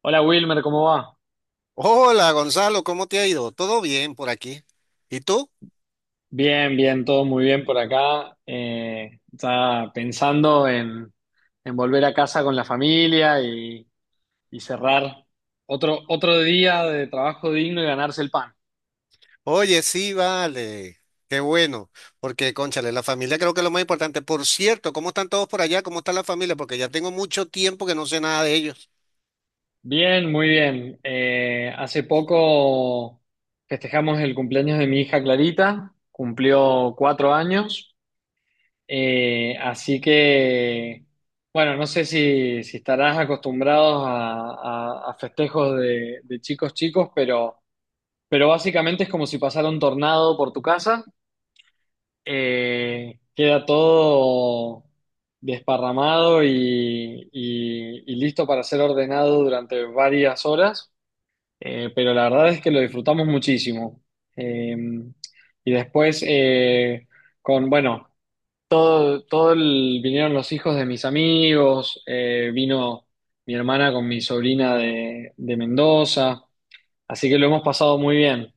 Hola Wilmer, ¿cómo va? Hola Gonzalo, ¿cómo te ha ido? ¿Todo bien por aquí? ¿Y tú? Bien, bien, todo muy bien por acá. Ya pensando en, volver a casa con la familia y cerrar otro día de trabajo digno y ganarse el pan. Oye, sí, vale. Qué bueno, porque cónchale, la familia creo que es lo más importante. Por cierto, ¿cómo están todos por allá? ¿Cómo está la familia? Porque ya tengo mucho tiempo que no sé nada de ellos. Bien, muy bien. Hace poco festejamos el cumpleaños de mi hija Clarita, cumplió 4 años. Así que, bueno, no sé si estarás acostumbrados a, a festejos de chicos chicos, pero básicamente es como si pasara un tornado por tu casa. Queda todo desparramado y listo para ser ordenado durante varias horas. Pero la verdad es que lo disfrutamos muchísimo. Eh, y después, con, bueno. Vinieron los hijos de mis amigos, vino mi hermana con mi sobrina de Mendoza, así que lo hemos pasado muy bien.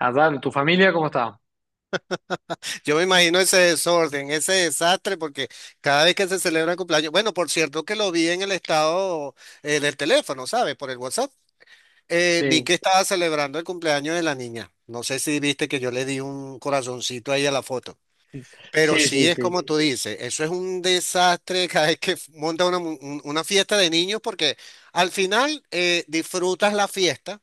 Adán, ¿tu familia cómo está? Yo me imagino ese desorden, ese desastre, porque cada vez que se celebra el cumpleaños, bueno, por cierto que lo vi en el estado del teléfono, ¿sabes? Por el WhatsApp. Vi Sí, que estaba celebrando el cumpleaños de la niña. No sé si viste que yo le di un corazoncito ahí a la foto. Pero sí, sí sí, es sí, como tú dices, eso es un desastre cada vez que monta una fiesta de niños porque al final disfrutas la fiesta,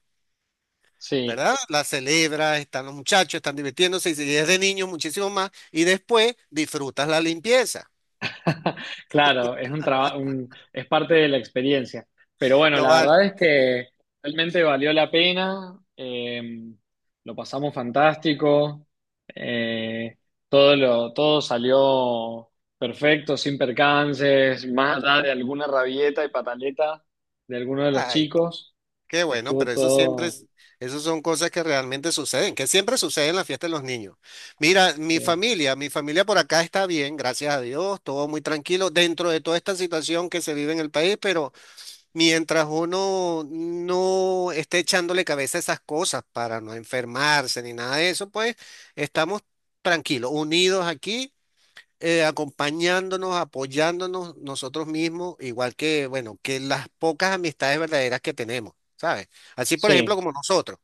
sí. ¿verdad? La celebras, están los muchachos, están divirtiéndose y si es de niños muchísimo más y después disfrutas la limpieza. Claro, es un trabajo, es parte de la experiencia. Pero bueno, No la va, verdad es que realmente valió la pena, lo pasamos fantástico. eh, Todo salió perfecto, sin percances, más allá de alguna rabieta y pataleta de alguno de los ay, chicos. qué bueno, Estuvo pero eso siempre todo, es, eso son cosas que realmente suceden, que siempre suceden en la fiesta de los niños. Mira, eh, mi familia por acá está bien, gracias a Dios, todo muy tranquilo dentro de toda esta situación que se vive en el país, pero... Mientras uno no esté echándole cabeza a esas cosas para no enfermarse ni nada de eso, pues estamos tranquilos, unidos aquí, acompañándonos, apoyándonos nosotros mismos, igual que, bueno, que las pocas amistades verdaderas que tenemos, ¿sabes? Así, por ejemplo, sí. como nosotros.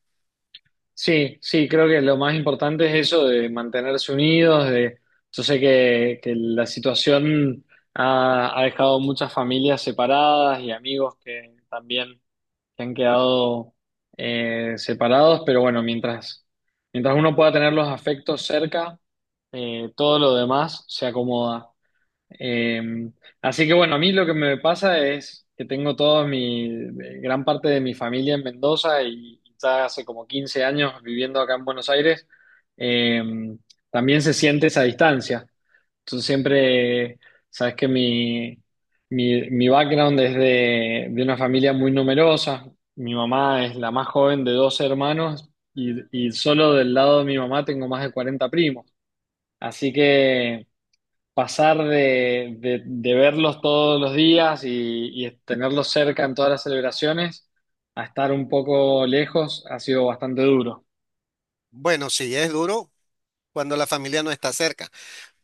Sí, sí, creo que lo más importante es eso de mantenerse unidos. De Yo sé que la situación ha dejado muchas familias separadas y amigos que también que han quedado separados, pero bueno, mientras uno pueda tener los afectos cerca. Todo lo demás se acomoda. Eh, Así que bueno, a mí lo que me pasa es que tengo gran parte de mi familia en Mendoza y ya hace como 15 años viviendo acá en Buenos Aires. eh, También se siente esa distancia. Entonces siempre, sabes que mi background es de una familia muy numerosa. Mi mamá es la más joven de dos hermanos y, y solo del lado de mi mamá tengo más de 40 primos. Así que pasar de verlos todos los días y tenerlos cerca en todas las celebraciones a estar un poco lejos ha sido bastante duro. Bueno, sí, es duro cuando la familia no está cerca.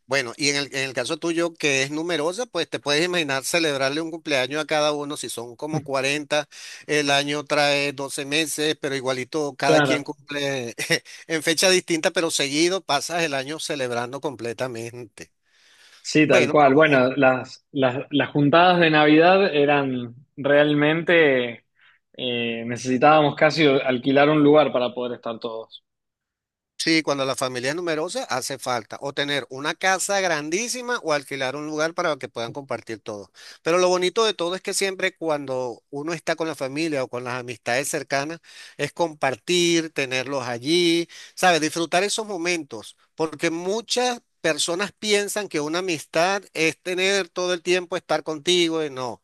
Bueno, y en el caso tuyo, que es numerosa, pues te puedes imaginar celebrarle un cumpleaños a cada uno. Si son como 40. El año trae 12 meses, pero igualito cada quien Claro, cumple en fecha distinta, pero seguido pasas el año celebrando completamente. sí, tal Bueno, pero cual. como, Bueno, las juntadas de Navidad eran realmente. Necesitábamos casi alquilar un lugar para poder estar todos. Sí, cuando la familia es numerosa, hace falta o tener una casa grandísima o alquilar un lugar para que puedan compartir todo. Pero lo bonito de todo es que siempre cuando uno está con la familia o con las amistades cercanas, es compartir, tenerlos allí, ¿sabes? Disfrutar esos momentos, porque muchas personas piensan que una amistad es tener todo el tiempo estar contigo y no.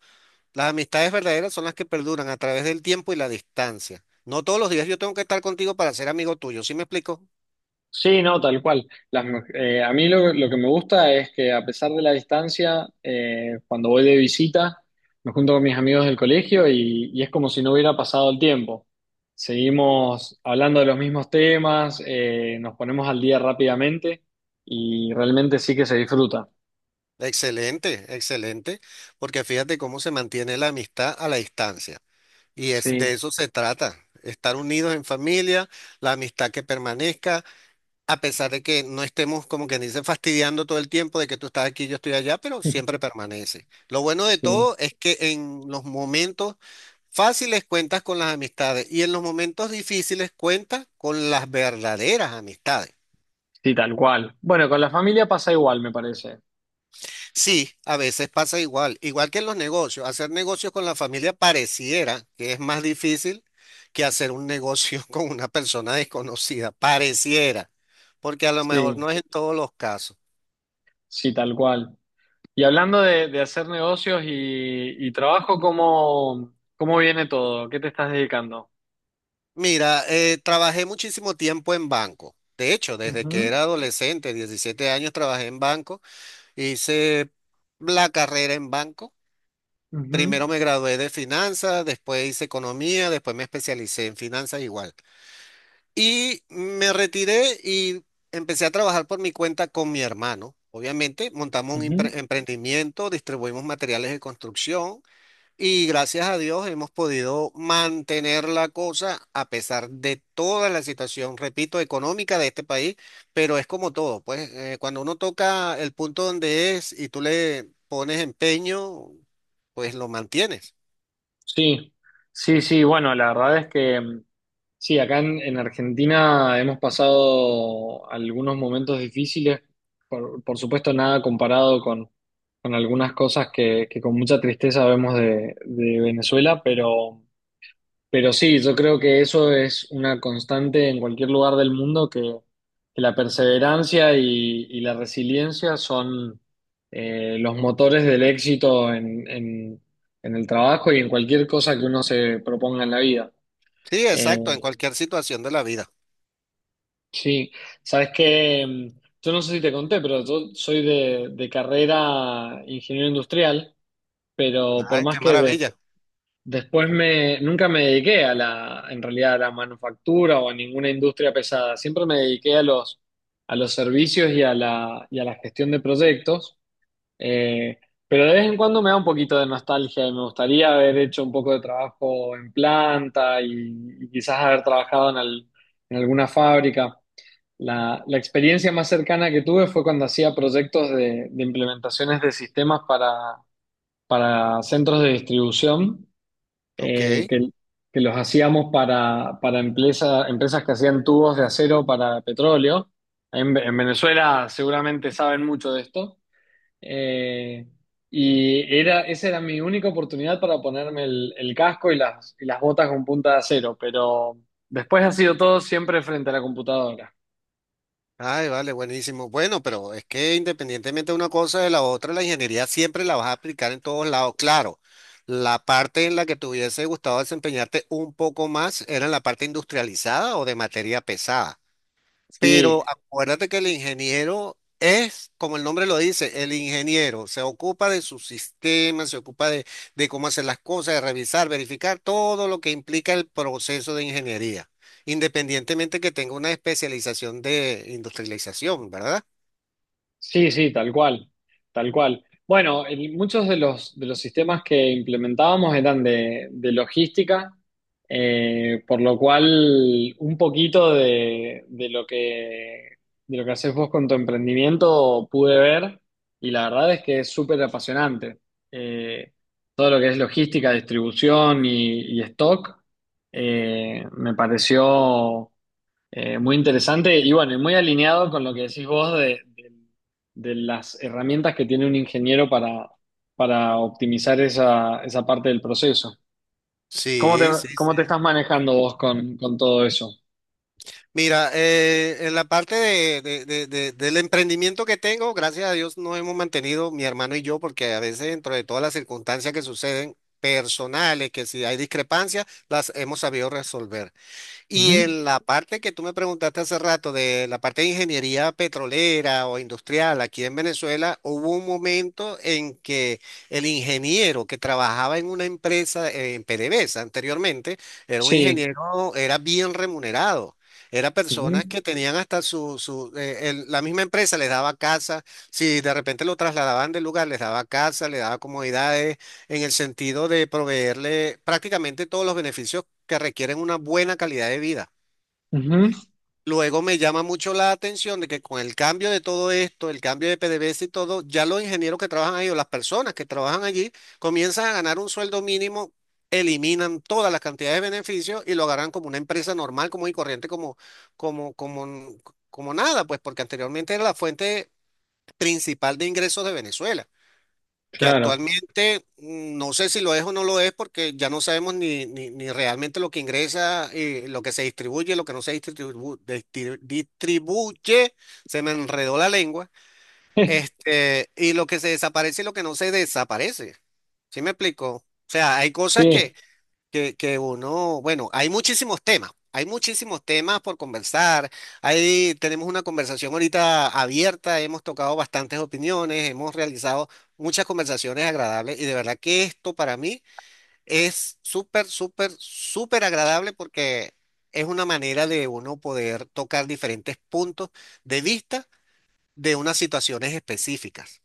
Las amistades verdaderas son las que perduran a través del tiempo y la distancia. No todos los días yo tengo que estar contigo para ser amigo tuyo, ¿sí me explico? Sí, no, tal cual. A mí lo que me gusta es que a pesar de la distancia, cuando voy de visita, me junto con mis amigos del colegio y es como si no hubiera pasado el tiempo. Seguimos hablando de los mismos temas, nos ponemos al día rápidamente y realmente sí que se disfruta. Excelente, excelente, porque fíjate cómo se mantiene la amistad a la distancia. Y es Sí, de eso se trata, estar unidos en familia, la amistad que permanezca, a pesar de que no estemos como que dice fastidiando todo el tiempo de que tú estás aquí, yo estoy allá, pero siempre permanece. Lo bueno de sí, todo es que en los momentos fáciles cuentas con las amistades y en los momentos difíciles cuentas con las verdaderas amistades. sí, tal cual. Bueno, con la familia pasa igual, me parece. Sí, a veces pasa igual, igual que en los negocios. Hacer negocios con la familia pareciera que es más difícil que hacer un negocio con una persona desconocida, pareciera, porque a lo mejor Sí, no es en todos los casos. sí, tal cual. Y hablando de hacer negocios y trabajo, cómo viene todo? ¿Qué te estás dedicando? Mira, trabajé muchísimo tiempo en banco. De hecho, desde que Ujú, era adolescente, 17 años, trabajé en banco, hice la carrera en banco. ujú, Primero me gradué de finanzas, después hice economía, después me especialicé en finanzas igual. Y me retiré y empecé a trabajar por mi cuenta con mi hermano. Obviamente, montamos un ujú. Emprendimiento, distribuimos materiales de construcción y gracias a Dios hemos podido mantener la cosa a pesar de toda la situación, repito, económica de este país, pero es como todo, pues cuando uno toca el punto donde es y tú le pones empeño, pues lo mantienes. Sí, sí, sí, bueno, la verdad es que sí, acá en Argentina hemos pasado algunos momentos difíciles, por supuesto nada comparado con algunas cosas que con mucha tristeza vemos de Venezuela, pero… Pero sí, yo creo que eso es una constante en cualquier lugar del mundo, que la perseverancia y la resiliencia son los motores del éxito en el trabajo y en cualquier cosa que uno se proponga en la vida. Sí, exacto, Eh, en cualquier situación de la vida. sí, sabes que yo no sé si te conté, pero yo soy de carrera ingeniero industrial, pero por Ay, más qué que des- maravilla. Después nunca me dediqué a en realidad a la manufactura o a ninguna industria pesada. Siempre me dediqué a los servicios y y a la gestión de proyectos. Eh, pero de vez en cuando me da un poquito de nostalgia y me gustaría haber hecho un poco de trabajo en planta y quizás haber trabajado en alguna fábrica. La experiencia más cercana que tuve fue cuando hacía proyectos de implementaciones de sistemas para centros de distribución. Ok. eh, que, que los hacíamos para empresas que hacían tubos de acero para petróleo. En Venezuela seguramente saben mucho de esto. Eh, Esa era mi única oportunidad para ponerme el casco y las botas con punta de acero, pero después ha sido todo siempre frente a la computadora. Ay, vale, buenísimo. Bueno, pero es que independientemente de una cosa de la otra, la ingeniería siempre la vas a aplicar en todos lados. Claro, la parte en la que te hubiese gustado desempeñarte un poco más era en la parte industrializada o de materia pesada. Sí, Pero acuérdate que el ingeniero es, como el nombre lo dice, el ingeniero. Se ocupa de su sistema, se ocupa de cómo hacer las cosas, de revisar, verificar todo lo que implica el proceso de ingeniería, independientemente que tenga una especialización de industrialización, ¿verdad? sí, sí, tal cual, tal cual. Bueno, muchos de de los sistemas que implementábamos eran de logística, por lo cual un poquito de lo que haces vos con tu emprendimiento pude ver y la verdad es que es súper apasionante. Eh, Todo lo que es logística, distribución y stock me pareció muy interesante y bueno, y muy alineado con lo que decís vos de las herramientas que tiene un ingeniero para optimizar esa parte del proceso. ¿Cómo te, Sí, sí, Cómo sí. te estás manejando vos con todo eso? Mira, en la parte del emprendimiento que tengo, gracias a Dios nos hemos mantenido mi hermano y yo, porque a veces dentro de todas las circunstancias que suceden personales, que si hay discrepancias, las hemos sabido resolver. Y Ujú. en la parte que tú me preguntaste hace rato, de la parte de ingeniería petrolera o industrial, aquí en Venezuela hubo un momento en que el ingeniero que trabajaba en una empresa, en PDVSA anteriormente, era un Sí. ingeniero, era bien remunerado. Era personas Ujú. que tenían hasta la misma empresa les daba casa, si de repente lo trasladaban del lugar, les daba casa, les daba comodidades en el sentido de proveerle prácticamente todos los beneficios que requieren una buena calidad de vida. Ujú. Luego me llama mucho la atención de que con el cambio de todo esto, el cambio de PDVSA y todo, ya los ingenieros que trabajan ahí o las personas que trabajan allí comienzan a ganar un sueldo mínimo, eliminan todas las cantidades de beneficios y lo agarran como una empresa normal, como y corriente, como, como, como nada, pues porque anteriormente era la fuente principal de ingresos de Venezuela que Claro. actualmente mm, no sé si lo es o no lo es porque ya no sabemos ni realmente lo que ingresa, lo que se distribuye, lo que no se distribuye, se me enredó la lengua, este, y lo que se desaparece y lo que no se desaparece. ¿Sí me explico? O sea, hay cosas que, Sí. Que uno, bueno, hay muchísimos temas por conversar. Ahí tenemos una conversación ahorita abierta, hemos tocado bastantes opiniones, hemos realizado muchas conversaciones agradables y de verdad que esto para mí es súper, súper, súper agradable porque es una manera de uno poder tocar diferentes puntos de vista de unas situaciones específicas.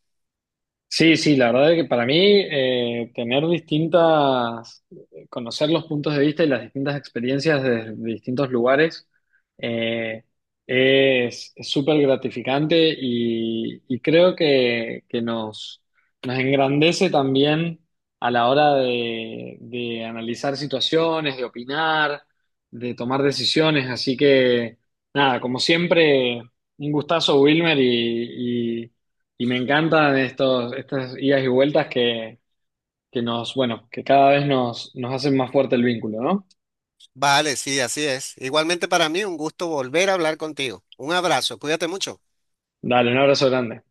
Sí, sí, la verdad es que para mí conocer los puntos de vista y las distintas experiencias de distintos lugares eh, es súper gratificante y creo que nos engrandece también a la hora de analizar situaciones, de opinar, de tomar decisiones. Así que, nada, como siempre, un gustazo, Wilmer, y me encantan estas idas y vueltas que bueno, que cada vez nos hacen más fuerte el vínculo, ¿no? Vale, sí, así es. Igualmente para mí un gusto volver a hablar contigo. Un abrazo, cuídate mucho. Dale, un abrazo grande.